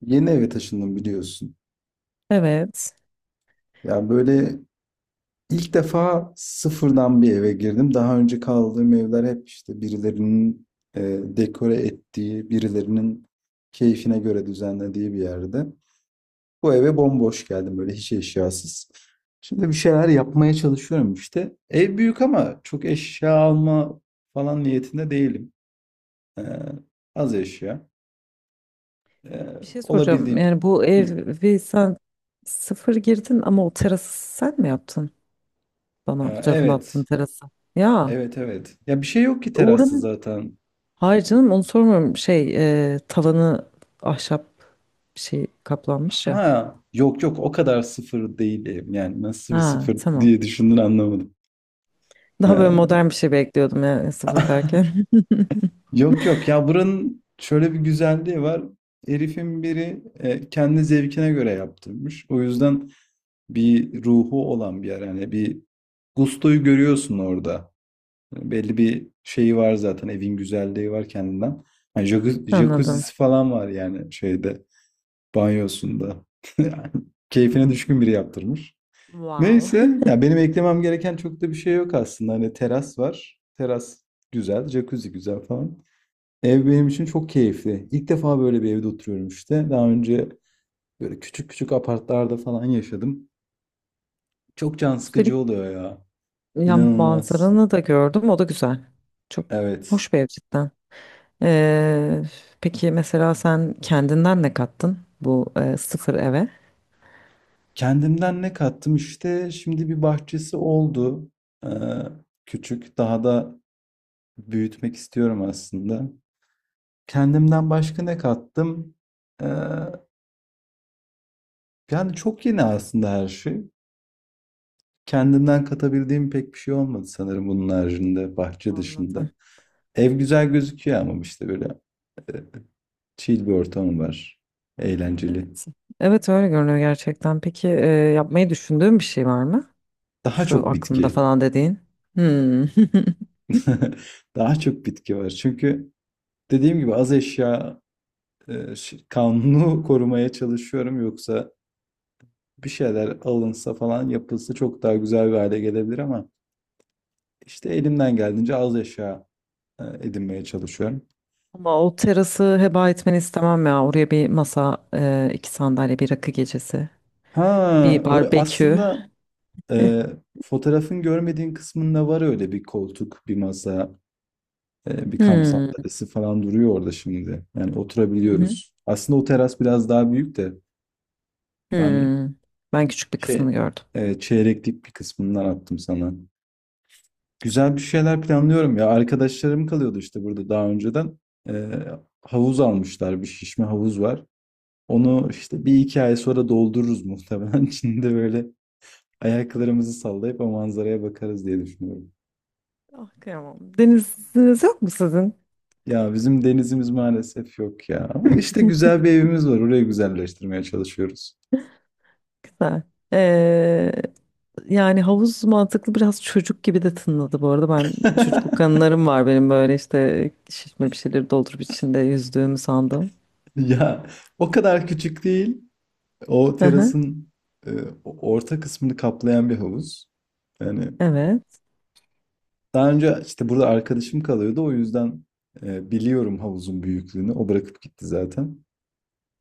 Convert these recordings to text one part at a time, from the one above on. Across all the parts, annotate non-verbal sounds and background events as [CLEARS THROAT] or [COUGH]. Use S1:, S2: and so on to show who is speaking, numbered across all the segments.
S1: Yeni eve taşındım biliyorsun.
S2: Evet.
S1: Ya böyle ilk defa sıfırdan bir eve girdim. Daha önce kaldığım evler hep işte birilerinin dekore ettiği, birilerinin keyfine göre düzenlediği bir yerde. Bu eve bomboş geldim böyle hiç eşyasız. Şimdi bir şeyler yapmaya çalışıyorum işte. Ev büyük ama çok eşya alma falan niyetinde değilim. Ee, Az eşya. Ee,
S2: Bir şey soracağım.
S1: Olabildiğince.
S2: Yani bu
S1: Hı,
S2: evi sen sıfır girdin ama o terası sen mi yaptın? Bana fotoğrafını attığın
S1: evet.
S2: terası. Ya
S1: Evet evet. Ya bir şey yok ki terasta
S2: oranın...
S1: zaten.
S2: Hayır canım onu sormuyorum. Şey tavanı ahşap bir şey kaplanmış ya.
S1: Ha yok yok o kadar sıfır değilim. Yani nasıl bir
S2: Ha
S1: sıfır
S2: tamam.
S1: diye düşündün anlamadım.
S2: Daha böyle
S1: Ee,
S2: modern bir şey bekliyordum ya sıfır
S1: [LAUGHS]
S2: derken.
S1: yok yok ya buranın şöyle bir güzelliği var. Herifin biri kendi zevkine göre yaptırmış. O yüzden bir ruhu olan bir yer. Yani bir gustoyu görüyorsun orada. Belli bir şeyi var zaten, evin güzelliği var kendinden. Yani
S2: [LAUGHS]
S1: jacuzzi
S2: Anladım.
S1: jacuzzi falan var, yani şeyde, banyosunda. [LAUGHS] Yani keyfine düşkün biri yaptırmış.
S2: Wow.
S1: Neyse, ya benim eklemem gereken çok da bir şey yok aslında. Hani teras var. Teras güzel, jacuzzi güzel falan. Ev benim için çok keyifli. İlk defa böyle bir evde oturuyorum işte. Daha önce böyle küçük küçük apartlarda falan yaşadım. Çok can
S2: [LAUGHS]
S1: sıkıcı
S2: Üstelik
S1: oluyor ya.
S2: ya
S1: İnanılmaz.
S2: manzaranı da gördüm. O da güzel. Çok
S1: Evet.
S2: hoş bir ev cidden. Ee, peki mesela sen kendinden ne kattın bu sıfır eve?
S1: Kendimden ne kattım işte. Şimdi bir bahçesi oldu. Ee, küçük. Daha da büyütmek istiyorum aslında. Kendimden başka ne kattım? Eee, yani çok yeni aslında her şey. Kendimden katabildiğim pek bir şey olmadı sanırım, bunun haricinde, bahçe dışında.
S2: Anladım.
S1: Ev güzel gözüküyor ama işte böyle e, chill bir ortam var. Eğlenceli.
S2: Evet. Evet öyle görünüyor gerçekten. Peki yapmayı düşündüğün bir şey var mı?
S1: Daha
S2: Şu
S1: çok
S2: aklımda
S1: bitki.
S2: falan dediğin. Hmm. [LAUGHS]
S1: [LAUGHS] Daha çok bitki var. Çünkü dediğim gibi az eşya kanunu [LAUGHS] korumaya çalışıyorum. Yoksa bir şeyler alınsa falan yapılsa çok daha güzel bir hale gelebilir ama işte elimden geldiğince az eşya edinmeye çalışıyorum.
S2: Ama o terası heba etmeni istemem ya. Oraya bir masa, iki sandalye, bir rakı gecesi, bir barbekü.
S1: Aslında
S2: [LAUGHS]
S1: e, fotoğrafın görmediğin kısmında var öyle bir koltuk, bir masa, bir kamp
S2: Hmm.
S1: sandalyesi falan duruyor orada şimdi. Yani oturabiliyoruz. Aslında o teras biraz daha büyük de ben
S2: Hmm. Ben küçük bir
S1: şey
S2: kısmını gördüm.
S1: çeyreklik bir kısmından attım sana. Güzel bir şeyler planlıyorum ya. Arkadaşlarım kalıyordu işte burada daha önceden. E, havuz almışlar, bir şişme havuz var. Onu işte bir iki ay sonra doldururuz muhtemelen. [LAUGHS] Şimdi böyle ayaklarımızı sallayıp o manzaraya bakarız diye düşünüyorum.
S2: Ah kıyamam. Deniziniz yok mu sizin?
S1: Ya bizim denizimiz maalesef yok ya. Ama işte güzel bir evimiz var. Orayı güzelleştirmeye çalışıyoruz.
S2: Güzel. Ee, Yani havuz mantıklı biraz çocuk gibi de tınladı bu arada. Ben çocukluk
S1: [LAUGHS]
S2: anılarım var benim böyle işte şişme bir şeyleri doldurup içinde yüzdüğümü sandım.
S1: Ya o kadar küçük değil. O
S2: Hı hı.
S1: terasın e, orta kısmını kaplayan bir havuz. Yani
S2: Evet.
S1: daha önce işte burada arkadaşım kalıyordu. O yüzden biliyorum havuzun büyüklüğünü. O bırakıp gitti zaten.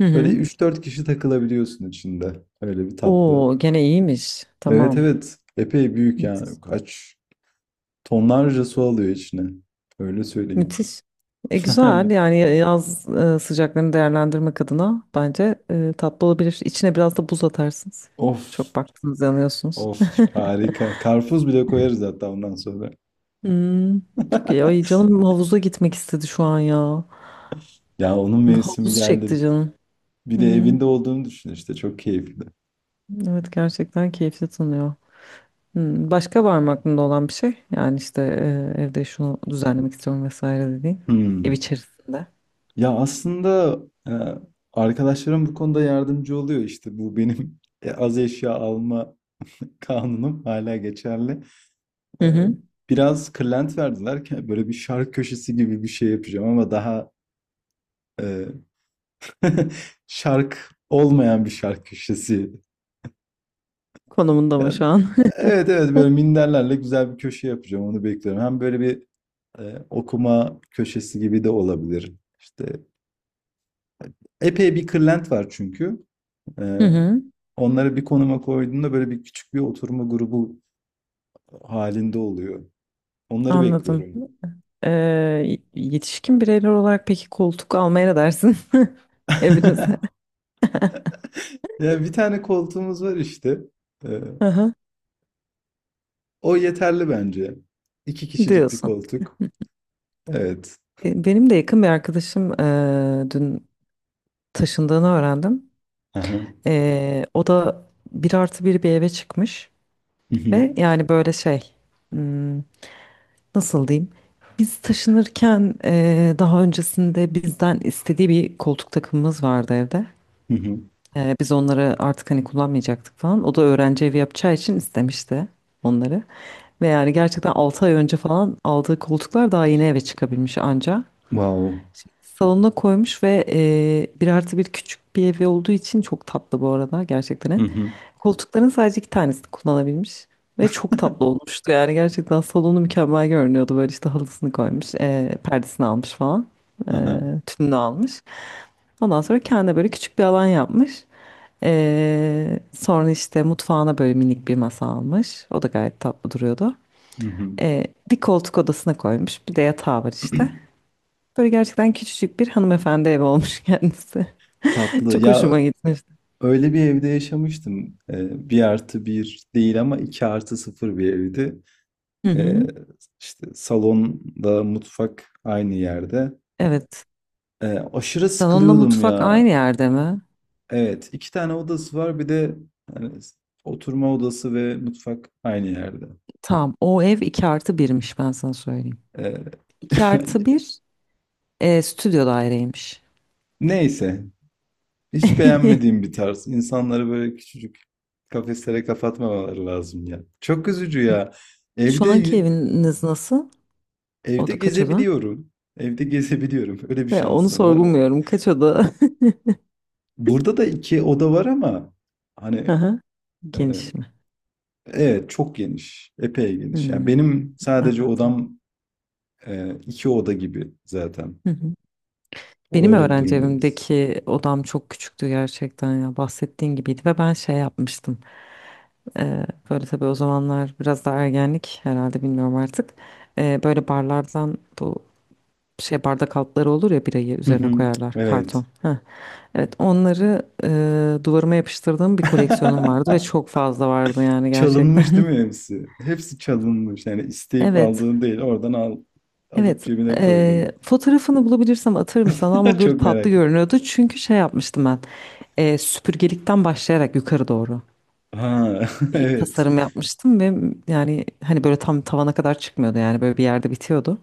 S2: Hı
S1: Böyle
S2: hı.
S1: üç dört kişi takılabiliyorsun içinde. Öyle bir tatlı.
S2: Oo gene iyiymiş.
S1: Evet
S2: Tamam.
S1: evet. Epey büyük yani. Kaç tonlarca su alıyor içine. Öyle söyleyeyim.
S2: Müthiş. E, güzel
S1: [LAUGHS]
S2: yani yaz sıcaklarını değerlendirmek adına bence tatlı olabilir. İçine biraz da buz atarsınız.
S1: Of,
S2: Çok baktınız yanıyorsunuz.
S1: of harika. Karpuz bile koyarız hatta ondan sonra.
S2: Hmm, çok iyi. Ay
S1: [LAUGHS]
S2: canım havuza gitmek istedi şu an ya.
S1: Ya onun mevsimi
S2: Havuz
S1: geldi.
S2: çekti canım.
S1: Bir de
S2: Hmm,
S1: evinde olduğunu düşün işte, çok keyifli.
S2: evet gerçekten keyifli tanıyor. Hmm, başka var mı aklında olan bir şey? Yani işte evde şunu düzenlemek istiyorum vesaire dediğin. Ev
S1: Hmm.
S2: içerisinde.
S1: Ya aslında e, arkadaşlarım bu konuda yardımcı oluyor işte, bu benim [LAUGHS] az eşya alma kanunum hala geçerli.
S2: Hı
S1: E,
S2: hı.
S1: biraz kırlent verdiler ki böyle bir şark köşesi gibi bir şey yapacağım ama daha e, [LAUGHS] şark olmayan bir şark köşesi.
S2: Konumunda mı
S1: Yani,
S2: şu an?
S1: evet evet böyle
S2: [LAUGHS]
S1: minderlerle güzel bir köşe yapacağım, onu bekliyorum. Hem böyle bir okuma köşesi gibi de olabilir. İşte epey bir kırlent var çünkü. E,
S2: Hı hı,
S1: onları bir konuma koyduğunda böyle bir küçük bir oturma grubu halinde oluyor. Onları
S2: anladım.
S1: bekliyorum.
S2: Ee, Yetişkin bireyler olarak peki koltuk almaya ne dersin [LAUGHS] evinize?
S1: [LAUGHS] Ya bir tane koltuğumuz var işte. E,
S2: Aha,
S1: o yeterli bence. İki kişilik bir
S2: diyorsun.
S1: koltuk. Evet.
S2: E, benim de yakın bir arkadaşım dün taşındığını öğrendim.
S1: Aha.
S2: E, o da bir artı bir bir eve çıkmış ve yani böyle şey, hmm, nasıl diyeyim? Biz taşınırken daha öncesinde bizden istediği bir koltuk takımımız vardı evde.
S1: [LAUGHS]
S2: Biz onları artık hani kullanmayacaktık falan. O da öğrenci evi yapacağı için istemişti onları. Ve yani gerçekten 6 ay önce falan aldığı koltuklar daha yeni eve çıkabilmiş anca.
S1: Wow.
S2: Şimdi salonuna koymuş ve bir artı bir küçük bir evi olduğu için çok tatlı bu arada gerçekten. Ev.
S1: Hı hı.
S2: Koltukların sadece iki tanesini kullanabilmiş. Ve çok tatlı olmuştu yani gerçekten salonu mükemmel görünüyordu. Böyle işte halısını koymuş, perdesini almış falan, e,
S1: Hı.
S2: tününü almış. Ondan sonra kendine böyle küçük bir alan yapmış. Sonra işte mutfağına böyle minik bir masa almış. O da gayet tatlı duruyordu.
S1: Hı hı.
S2: Ee, Bir koltuk odasına koymuş. Bir de yatağı var işte.
S1: [CLEARS THROAT]
S2: Böyle gerçekten küçücük bir hanımefendi evi olmuş [LAUGHS] kendisi.
S1: Tatlı.
S2: Çok
S1: Ya
S2: hoşuma gitmişti.
S1: öyle bir evde yaşamıştım. Bir artı bir değil ama iki artı sıfır bir evdi.
S2: Hı
S1: Ee,
S2: hı.
S1: işte salonda mutfak aynı yerde.
S2: Evet.
S1: Ee, aşırı
S2: Salonla
S1: sıkılıyordum
S2: mutfak
S1: ya.
S2: aynı yerde mi?
S1: Evet, iki tane odası var. Bir de hani, oturma odası ve mutfak aynı yerde.
S2: Tamam. O ev 2 artı birmiş, ben sana söyleyeyim.
S1: Ee,
S2: 2 artı bir, stüdyo daireymiş.
S1: [LAUGHS] neyse, hiç
S2: [LAUGHS]
S1: beğenmediğim bir tarz. İnsanları böyle küçücük kafeslere kapatmamaları lazım ya. Çok üzücü ya. Evde
S2: Şu anki
S1: yü-
S2: eviniz nasıl? O
S1: evde
S2: da kaç oda?
S1: gezebiliyorum. Evde [LAUGHS] gezebiliyorum. Öyle bir
S2: Ya onu
S1: şansım var.
S2: sorgulmuyorum. Kaç oda? [LAUGHS]
S1: Burada da iki oda var ama hani
S2: Aha,
S1: e,
S2: geniş mi?
S1: evet çok geniş. Epey geniş. Yani
S2: Hmm,
S1: benim sadece
S2: anladım.
S1: odam iki oda gibi zaten.
S2: Hı hı.
S1: O
S2: Benim
S1: öyle bir
S2: öğrenci
S1: durumdayız.
S2: evimdeki odam çok küçüktü gerçekten ya bahsettiğin gibiydi ve ben şey yapmıştım. Böyle tabii o zamanlar biraz da ergenlik herhalde bilmiyorum artık. Böyle barlardan bu şey bardak altları olur ya birayı üzerine
S1: [LAUGHS]
S2: koyarlar
S1: Evet.
S2: karton. Heh. Evet onları duvarıma yapıştırdığım bir koleksiyonum vardı ve
S1: [LAUGHS]
S2: çok fazla vardı yani
S1: Çalınmış
S2: gerçekten.
S1: değil mi hepsi? Hepsi çalınmış. Yani
S2: [LAUGHS]
S1: isteyip
S2: Evet.
S1: aldığın değil, oradan al, alıp
S2: Evet,
S1: cebine koydun.
S2: fotoğrafını bulabilirsem atarım sana
S1: [LAUGHS]
S2: ama böyle
S1: Çok merak
S2: tatlı
S1: ettim.
S2: görünüyordu. Çünkü şey yapmıştım ben, süpürgelikten başlayarak yukarı doğru
S1: Ha, [LAUGHS]
S2: bir
S1: evet.
S2: tasarım yapmıştım ve yani hani böyle tam tavana kadar çıkmıyordu yani böyle bir yerde bitiyordu.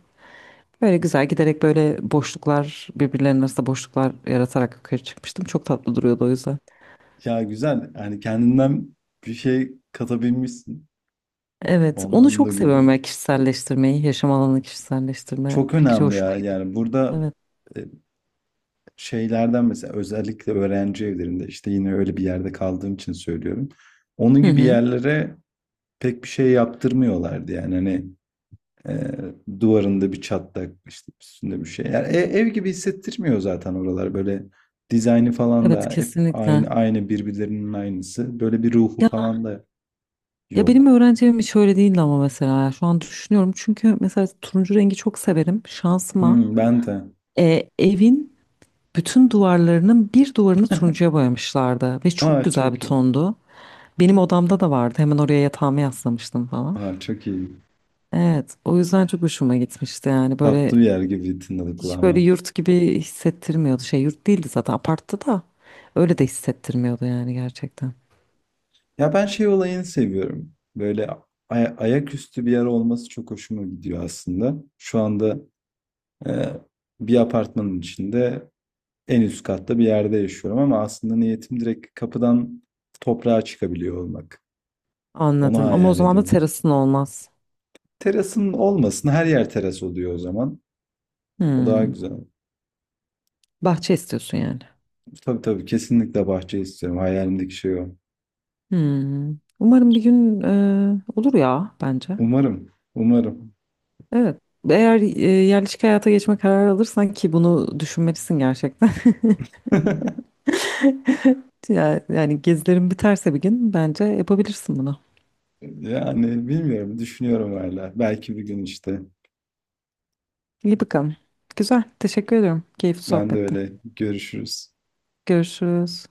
S2: Böyle güzel giderek böyle boşluklar birbirlerinin arasında boşluklar yaratarak yukarı çıkmıştım. Çok tatlı duruyordu o yüzden.
S1: Ya güzel. Yani kendinden bir şey katabilmişsin. O
S2: Evet, onu
S1: anlamda
S2: çok seviyorum
S1: güzel.
S2: ben kişiselleştirmeyi, yaşam alanını kişiselleştirme
S1: Çok
S2: fikri
S1: önemli
S2: hoşuma
S1: ya.
S2: gitti.
S1: Yani burada
S2: Evet.
S1: e, şeylerden, mesela özellikle öğrenci evlerinde, işte yine öyle bir yerde kaldığım için söylüyorum. Onun
S2: Hı
S1: gibi
S2: hı.
S1: yerlere pek bir şey yaptırmıyorlardı yani hani Ee, duvarında bir çatlak, işte üstünde bir şey. Yani ev gibi hissettirmiyor zaten oralar, böyle dizaynı falan
S2: Evet
S1: da hep aynı
S2: kesinlikle.
S1: aynı, birbirlerinin aynısı. Böyle bir ruhu
S2: Ya.
S1: falan da
S2: Ya benim
S1: yok.
S2: öğrenci evim hiç öyle değildi ama mesela şu an düşünüyorum. Çünkü mesela turuncu rengi çok severim. Şansıma
S1: Hmm, ben de.
S2: evin bütün duvarlarının bir duvarını turuncuya boyamışlardı. Ve çok
S1: Aa
S2: güzel bir
S1: çok iyi.
S2: tondu. Benim odamda da vardı. Hemen oraya yatağımı yaslamıştım falan.
S1: Aa çok iyi.
S2: Evet, o yüzden çok hoşuma gitmişti yani. Böyle
S1: Tatlı bir yer gibi tınladı
S2: hiç böyle
S1: kulağıma.
S2: yurt gibi hissettirmiyordu. Şey yurt değildi zaten aparttı da. Öyle de hissettirmiyordu yani gerçekten.
S1: Ya ben şey olayını seviyorum. Böyle ayaküstü bir yer olması çok hoşuma gidiyor aslında. Şu anda e, bir apartmanın içinde en üst katta bir yerde yaşıyorum, ama aslında niyetim direkt kapıdan toprağa çıkabiliyor olmak. Onu
S2: Anladım ama o
S1: hayal
S2: zaman da
S1: ediyorum.
S2: terasın olmaz.
S1: Terasın olmasın, her yer teras oluyor o zaman. O daha
S2: Hmm.
S1: güzel.
S2: Bahçe istiyorsun yani.
S1: Tabii tabii kesinlikle bahçe istiyorum. Hayalimdeki şey o.
S2: Hmm. Umarım bir gün olur ya bence.
S1: Umarım, umarım.
S2: Evet. Eğer yerleşik hayata geçme kararı alırsan ki bunu düşünmelisin gerçekten. [LAUGHS]
S1: [LAUGHS]
S2: Ya- yani gezilerin biterse bir gün bence yapabilirsin bunu.
S1: Yani bilmiyorum, düşünüyorum hala. Belki bir gün işte.
S2: İyi bakalım. Güzel. Teşekkür ediyorum. Keyifli
S1: Ben de
S2: sohbette.
S1: öyle, görüşürüz.
S2: Görüşürüz.